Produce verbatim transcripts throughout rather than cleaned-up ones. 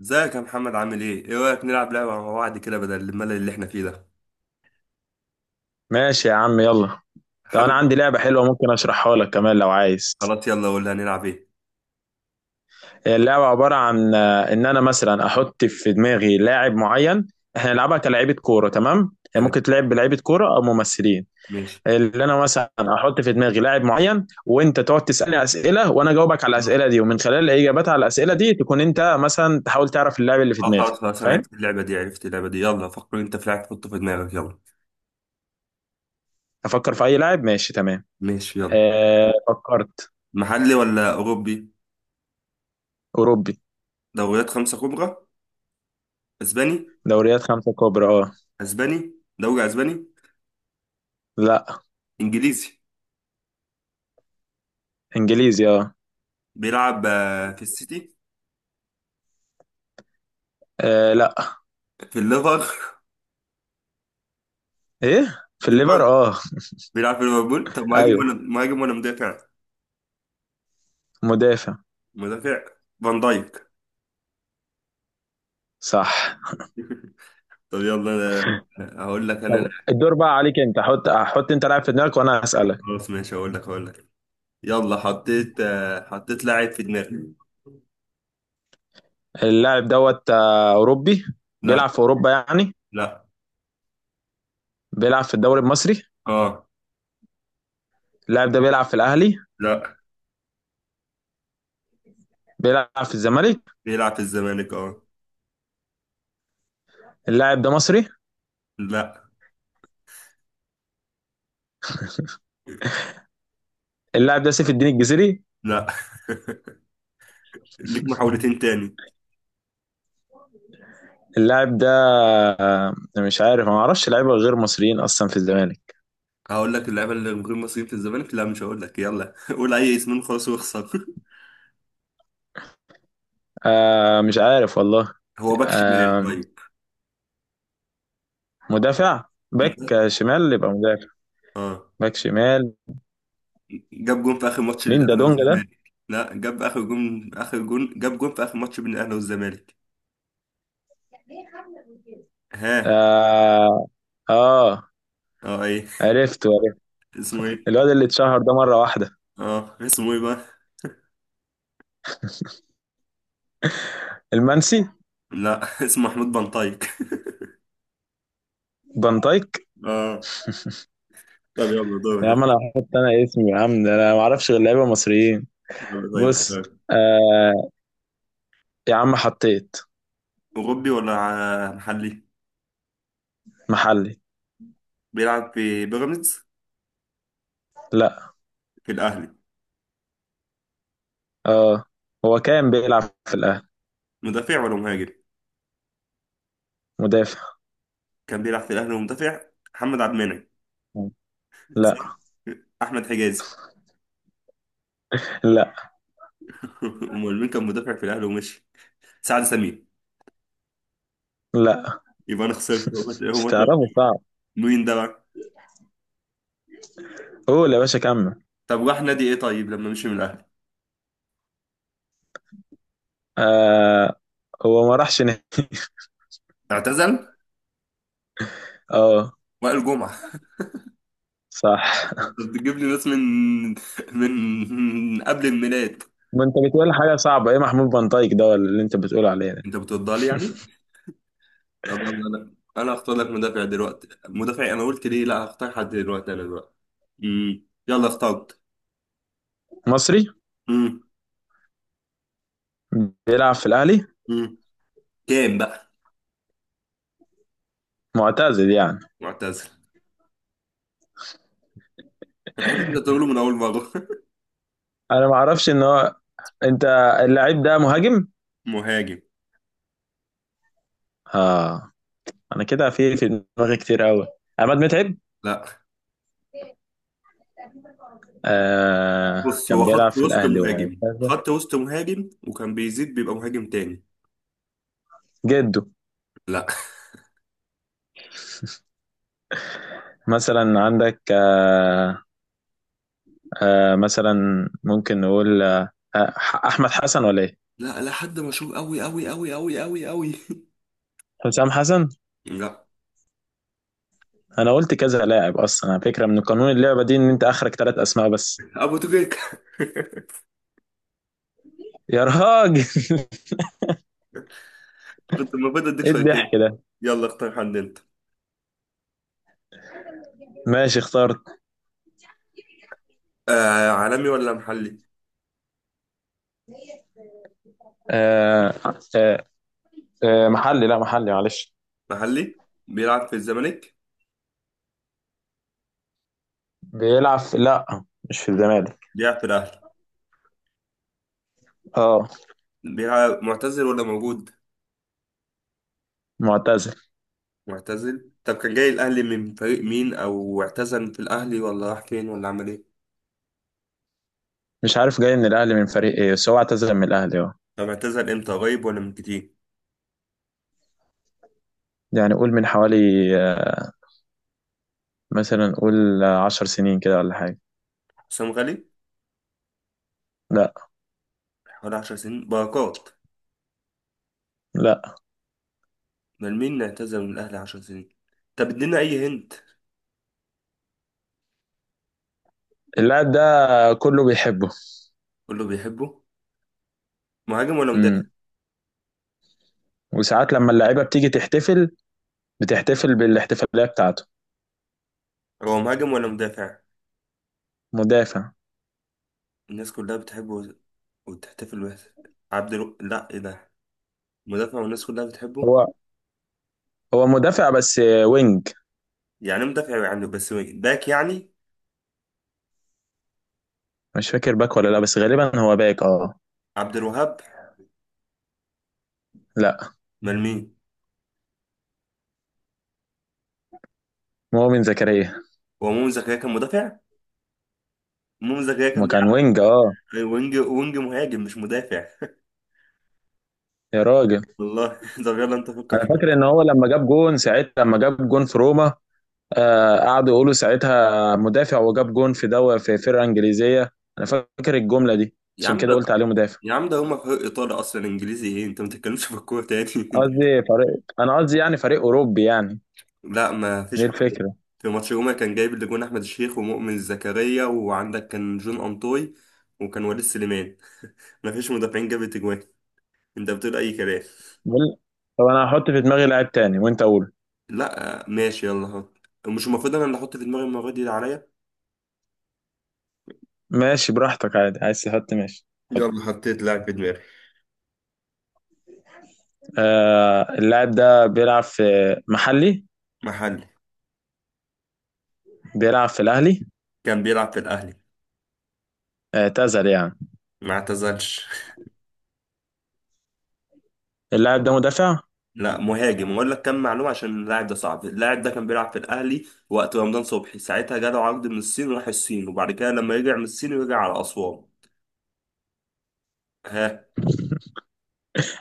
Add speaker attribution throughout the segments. Speaker 1: ازيك يا محمد، عامل ايه؟ ايه رأيك نلعب لعبة مع بعض كده بدل الملل اللي احنا فيه ده؟
Speaker 2: ماشي يا عم يلا. طب انا
Speaker 1: حابب.
Speaker 2: عندي لعبة حلوة، ممكن اشرحها لك كمان لو عايز.
Speaker 1: خلاص يلا قول لي، هنلعب ايه؟
Speaker 2: هي اللعبة عبارة عن آه، ان انا مثلا احط في دماغي لاعب معين. احنا نلعبها كلاعيبة كورة، تمام؟ هي
Speaker 1: تمام،
Speaker 2: ممكن تلعب بلاعيبة كورة او ممثلين.
Speaker 1: ماشي.
Speaker 2: اللي انا مثلا احط في دماغي لاعب معين، وانت تقعد تسألني اسئلة وانا اجاوبك على الاسئلة دي، ومن خلال الاجابات على الاسئلة دي تكون انت مثلا تحاول تعرف اللاعب اللي في
Speaker 1: اه،
Speaker 2: دماغي.
Speaker 1: خلاص خلاص، انا
Speaker 2: فاهم؟
Speaker 1: عرفت اللعبة دي، عرفت اللعبة دي. يلا فكر انت في لعبة تحطه في دماغك، يلا.
Speaker 2: افكر في اي لاعب، ماشي تمام.
Speaker 1: ماشي يلا.
Speaker 2: أه فكرت.
Speaker 1: محلي ولا اوروبي؟
Speaker 2: اوروبي.
Speaker 1: دوريات خمسة كبرى. اسباني.
Speaker 2: دوريات خمسة كبرى، اه.
Speaker 1: اسباني. دوري اسباني.
Speaker 2: لا.
Speaker 1: انجليزي.
Speaker 2: انجليزي، اه.
Speaker 1: بيلعب آه، في السيتي.
Speaker 2: آه، لا.
Speaker 1: في الليفر
Speaker 2: ايه، في
Speaker 1: في
Speaker 2: الليفر،
Speaker 1: ليفربول.
Speaker 2: اه.
Speaker 1: بيلعب في ليفربول. طب مهاجم
Speaker 2: ايوه.
Speaker 1: ولا مهاجم ولا مدافع؟
Speaker 2: مدافع.
Speaker 1: مدافع. فان دايك.
Speaker 2: صح.
Speaker 1: طب يلا أنا- هقول لك انا.
Speaker 2: طب الدور بقى عليك، انت حط حط انت لاعب في دماغك وانا هسألك.
Speaker 1: خلاص ماشي، اقول لك اقول لك. يلا حطيت آه، حطيت لاعب في دماغي.
Speaker 2: اللاعب دوت آه، اوروبي.
Speaker 1: لا.
Speaker 2: بيلعب في اوروبا يعني.
Speaker 1: لا.
Speaker 2: بيلعب في الدوري المصري.
Speaker 1: اه.
Speaker 2: اللاعب ده بيلعب في الاهلي.
Speaker 1: لا.
Speaker 2: بيلعب في الزمالك.
Speaker 1: بيلعب في الزمالك اه.
Speaker 2: اللاعب ده مصري.
Speaker 1: لا.
Speaker 2: اللاعب ده سيف الدين الجزيري.
Speaker 1: لا. ليك محاولتين تاني.
Speaker 2: اللاعب ده آه، مش عارف، ما اعرفش لعيبه غير مصريين اصلا في الزمالك.
Speaker 1: هقول لك اللعيبه اللي غير مصريين في الزمالك؟ لا مش هقول لك. يلا قول اي اسم خلاص واخسر.
Speaker 2: آه مش عارف والله.
Speaker 1: هو باك شمال
Speaker 2: آه.
Speaker 1: طيب؟
Speaker 2: مدافع. باك. شمال، يبقى مدافع.
Speaker 1: اه.
Speaker 2: باك شمال.
Speaker 1: جاب جون في اخر ماتش
Speaker 2: مين ده؟
Speaker 1: للاهلي
Speaker 2: دونجا؟
Speaker 1: والزمالك. لا، جاب اخر جون. اخر جون جاب جون في اخر ماتش بين الاهلي والزمالك. ها.
Speaker 2: آه, آه
Speaker 1: اه ايه؟
Speaker 2: عرفت عرفت.
Speaker 1: اسمه ايه؟
Speaker 2: الواد اللي اتشهر ده مرة واحدة.
Speaker 1: اه اسمه ايه بقى؟
Speaker 2: المنسي.
Speaker 1: لا اسمه محمود بنطايق.
Speaker 2: بنطايك.
Speaker 1: اه. طب يلا
Speaker 2: يا عم أنا
Speaker 1: دورك.
Speaker 2: هحط أنا اسمي يا عم ده، أنا ما أعرفش غير لعيبة مصريين.
Speaker 1: يلا طيب
Speaker 2: بص.
Speaker 1: اختار.
Speaker 2: آه. يا عم حطيت.
Speaker 1: اوروبي ولا ع- محلي؟
Speaker 2: محلي.
Speaker 1: بيلعب في بيراميدز؟
Speaker 2: لا.
Speaker 1: في الاهلي.
Speaker 2: آه. هو كان بيلعب في الأهلي.
Speaker 1: مدافع ولا مهاجم؟
Speaker 2: مدافع.
Speaker 1: كان بيلعب في الاهلي ومدافع. محمد عبد المنعم.
Speaker 2: لا.
Speaker 1: صح. احمد حجازي.
Speaker 2: لا.
Speaker 1: امال مين كان مدافع في الاهلي ومشي؟ سعد سمير.
Speaker 2: لا.
Speaker 1: يبقى انا خسرت. هو
Speaker 2: مش
Speaker 1: هو
Speaker 2: تعرفه، صعب.
Speaker 1: مين ده بقى؟
Speaker 2: قول يا باشا، كمل.
Speaker 1: طب راح نادي ايه طيب لما مشي من الاهلي؟
Speaker 2: آه. هو ما راحش نهائي.
Speaker 1: اعتزل.
Speaker 2: اه.
Speaker 1: وائل جمعة.
Speaker 2: صح.
Speaker 1: انت بتجيب لي ناس من، من من قبل الميلاد.
Speaker 2: ما انت بتقول حاجه صعبه، ايه محمود بنطايك ده ولا اللي انت بتقول عليه ده؟
Speaker 1: انت بترضى لي يعني؟ طب يلا انا انا هختار لك مدافع دلوقتي. مدافع، انا قلت ليه. لا هختار حد دلوقتي. انا دلوقتي امم يلا اخترت.
Speaker 2: مصري.
Speaker 1: امم.
Speaker 2: بيلعب في الاهلي.
Speaker 1: امم. كام بقى؟
Speaker 2: معتزل يعني.
Speaker 1: معتزل. انا حاسس انت تقوله من اول مره.
Speaker 2: انا ما اعرفش ان هو. انت. اللاعب ده مهاجم.
Speaker 1: مهاجم؟
Speaker 2: اه. انا كده في في دماغي كتير قوي. عماد متعب.
Speaker 1: لا.
Speaker 2: آه
Speaker 1: بص هو
Speaker 2: كان بيلعب
Speaker 1: خط
Speaker 2: في
Speaker 1: وسط
Speaker 2: الاهلي
Speaker 1: مهاجم.
Speaker 2: وهكذا.
Speaker 1: خط وسط مهاجم وكان بيزيد بيبقى مهاجم تاني.
Speaker 2: جده.
Speaker 1: لا.
Speaker 2: مثلا عندك آه آه مثلا. ممكن نقول آه آه، احمد حسن ولا ايه؟
Speaker 1: لا لا. حد مشهور قوي قوي قوي قوي قوي قوي.
Speaker 2: حسام حسن.
Speaker 1: لا.
Speaker 2: انا قلت كذا لاعب اصلا، على فكره من قانون اللعبه دي ان انت اخرك ثلاث اسماء بس.
Speaker 1: ابو تريكة.
Speaker 2: يا راجل.
Speaker 1: كنت المفروض اديك
Speaker 2: ايه
Speaker 1: شويتين.
Speaker 2: الضحك ده؟
Speaker 1: يلا اختار حد انت.
Speaker 2: ماشي اخترت.
Speaker 1: آه، عالمي ولا محلي؟
Speaker 2: آه آه آه محلي، لا محلي، معلش.
Speaker 1: محلي. بيلعب في الزمالك؟
Speaker 2: بيلعب في لا، مش في الزمالك.
Speaker 1: بيلعب في الاهلي.
Speaker 2: اه.
Speaker 1: بيلعب معتزل ولا موجود؟
Speaker 2: معتزل.
Speaker 1: معتزل. طب كان جاي الاهلي من فريق مين، او اعتزل في الاهلي ولا راح فين ولا عمل ايه؟
Speaker 2: مش عارف، جاي من الاهلي من فريق ايه، بس هو اعتزل من الاهلي اه.
Speaker 1: طب اعتزل امتى؟ قريب ولا من كتير؟
Speaker 2: يعني قول من حوالي آه، مثلا قول آه، عشر سنين كده ولا حاجه.
Speaker 1: حسام غالي.
Speaker 2: لا.
Speaker 1: حوالي عشر سنين. بركات.
Speaker 2: لا.
Speaker 1: من مين اعتزل من الاهلي عشرة سنين؟ طب ادينا اي هنت.
Speaker 2: اللاعب ده كله بيحبه.
Speaker 1: قول له بيحبه؟ مهاجم ولا مدافع؟
Speaker 2: امم وساعات لما اللعيبه بتيجي تحتفل، بتحتفل بالاحتفاليه بتاعته.
Speaker 1: هو مهاجم ولا مدافع؟
Speaker 2: مدافع.
Speaker 1: الناس كلها بتحبه وتحتفل به. عبد الو... لا ايه ده. مدافع والناس كلها بتحبه.
Speaker 2: هو. هو مدافع بس آه، وينج.
Speaker 1: يعني مدافع يعني، بس باك يعني.
Speaker 2: مش فاكر باك ولا لا، بس غالبا هو باك اه.
Speaker 1: عبد الوهاب.
Speaker 2: لا.
Speaker 1: امال مين؟
Speaker 2: مؤمن زكريا.
Speaker 1: هو مؤمن زكريا كان مدافع؟ مؤمن زكريا
Speaker 2: ما
Speaker 1: كان
Speaker 2: كان
Speaker 1: بيلعب
Speaker 2: وينج اه.
Speaker 1: وينج. وينج مهاجم مش مدافع.
Speaker 2: يا راجل.
Speaker 1: والله. طب يلا انت فكر في
Speaker 2: انا فاكر ان
Speaker 1: الكورة.
Speaker 2: هو لما جاب جون ساعتها، لما جاب جون في روما. آه قعدوا يقولوا ساعتها مدافع، وجاب جون في دوا في فرقه انجليزيه. انا فاكر الجمله دي،
Speaker 1: يا
Speaker 2: عشان
Speaker 1: عم
Speaker 2: كده
Speaker 1: ده
Speaker 2: قلت عليه مدافع.
Speaker 1: يا عم ده هما فريق ايطالي اصلا، انجليزي ايه؟ انت ما بتتكلمش في الكوره تاني انت.
Speaker 2: قصدي فريق انا قصدي يعني فريق اوروبي يعني.
Speaker 1: لا ما فيش
Speaker 2: دي
Speaker 1: حد.
Speaker 2: الفكره.
Speaker 1: في ماتش روما كان جايب اللي جون احمد الشيخ، ومؤمن زكريا، وعندك كان جون انطوي، وكان وليد سليمان. ما فيش مدافعين جابت اجوان. انت بتقول اي كلام.
Speaker 2: بقول. طب انا هحط في دماغي لاعب تاني وانت قول.
Speaker 1: لا ماشي يلا هات. مش المفروض انا اللي احط في دماغي المره دي اللي عليا؟
Speaker 2: ماشي براحتك عادي، عايز تحط ماشي. حط.
Speaker 1: يلا حطيت لاعب في دماغي.
Speaker 2: آه اللاعب ده بيلعب في. محلي.
Speaker 1: محلي.
Speaker 2: بيلعب في الاهلي.
Speaker 1: كان بيلعب في الاهلي.
Speaker 2: آه، اعتزل يعني.
Speaker 1: ما اعتزلش.
Speaker 2: اللاعب ده مدافع.
Speaker 1: لا، مهاجم. واقول لك كم معلومه عشان اللاعب ده صعب. اللاعب ده كان بيلعب في الاهلي وقت رمضان صبحي، ساعتها جاله عقد من الصين وراح الصين. وبعد كده لما رجع من الصين رجع على اسوان. ها.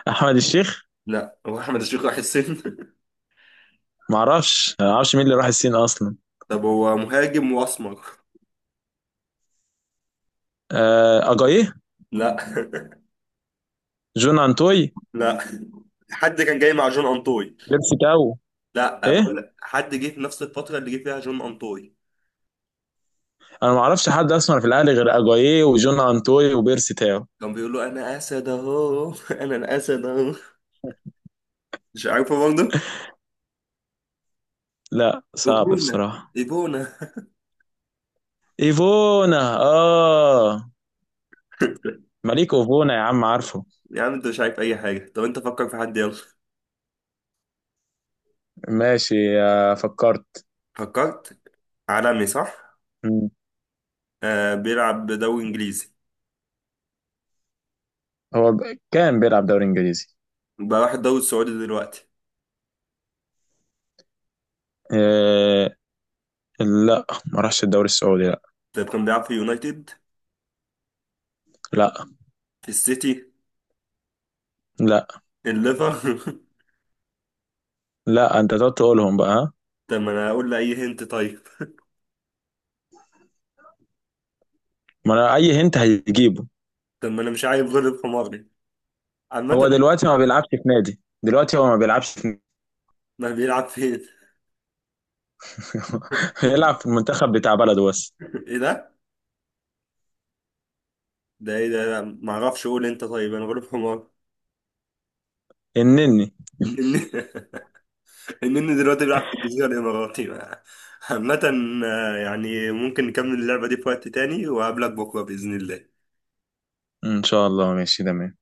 Speaker 2: احمد الشيخ.
Speaker 1: لا هو احمد الشيخ راح الصين.
Speaker 2: ما اعرفش ما اعرفش مين اللي راح الصين اصلا.
Speaker 1: طب هو مهاجم واسمر.
Speaker 2: آه، اجايه.
Speaker 1: لا.
Speaker 2: جون انتوي.
Speaker 1: لا. حد كان جاي مع جون انطوي.
Speaker 2: بيرسي تاو.
Speaker 1: لا،
Speaker 2: ايه.
Speaker 1: بقول لك حد جه في نفس الفتره اللي جه فيها جون انطوي.
Speaker 2: انا ما اعرفش حد اصلا في الاهلي غير اجايه وجون انتوي وبيرسي تاو.
Speaker 1: كان بيقول له انا اسد اهو. انا الاسد اهو. مش عارفه برضه.
Speaker 2: لا، صعب
Speaker 1: ايبونا.
Speaker 2: بصراحه.
Speaker 1: ايبونا.
Speaker 2: ايفونا اه. مليك ايفونا يا عم، عارفه.
Speaker 1: يا عم انت مش عارف اي حاجة. طب انت فكر في حد يلا.
Speaker 2: ماشي آه، فكرت.
Speaker 1: فكرت. عالمي صح؟
Speaker 2: مم.
Speaker 1: آه بيلعب دوري انجليزي.
Speaker 2: هو ب- كان بيلعب دوري انجليزي.
Speaker 1: بقى راح الدوري السعودي دلوقتي.
Speaker 2: آه، لا، ما راحش الدوري السعودي لا.
Speaker 1: طب كان بيلعب في يونايتد؟
Speaker 2: لا.
Speaker 1: في السيتي؟
Speaker 2: لا.
Speaker 1: الليفر؟
Speaker 2: لا. انت تقعد تقولهم بقى، ها.
Speaker 1: طب ما انا اقول له اي هنت طيب.
Speaker 2: ما انا اي هنت هيجيبه.
Speaker 1: طب ما انا مش عارف، غلب حماري.
Speaker 2: هو
Speaker 1: عامة.
Speaker 2: دلوقتي ما بيلعبش في نادي، دلوقتي هو ما بيلعبش في.
Speaker 1: ما بيلعب فين؟
Speaker 2: هيلعب في المنتخب بتاع بلده بس.
Speaker 1: ايه ده ده ايه ده. لا، ما اعرفش. قول انت طيب، انا غلب حمار.
Speaker 2: النني.
Speaker 1: النني. النني دلوقتي بيلعب في الجزيرة الاماراتي. عامة. آه، يعني ممكن نكمل اللعبة دي في وقت تاني وأقابلك بكرة بإذن الله.
Speaker 2: ان شاء الله ماشي تمام.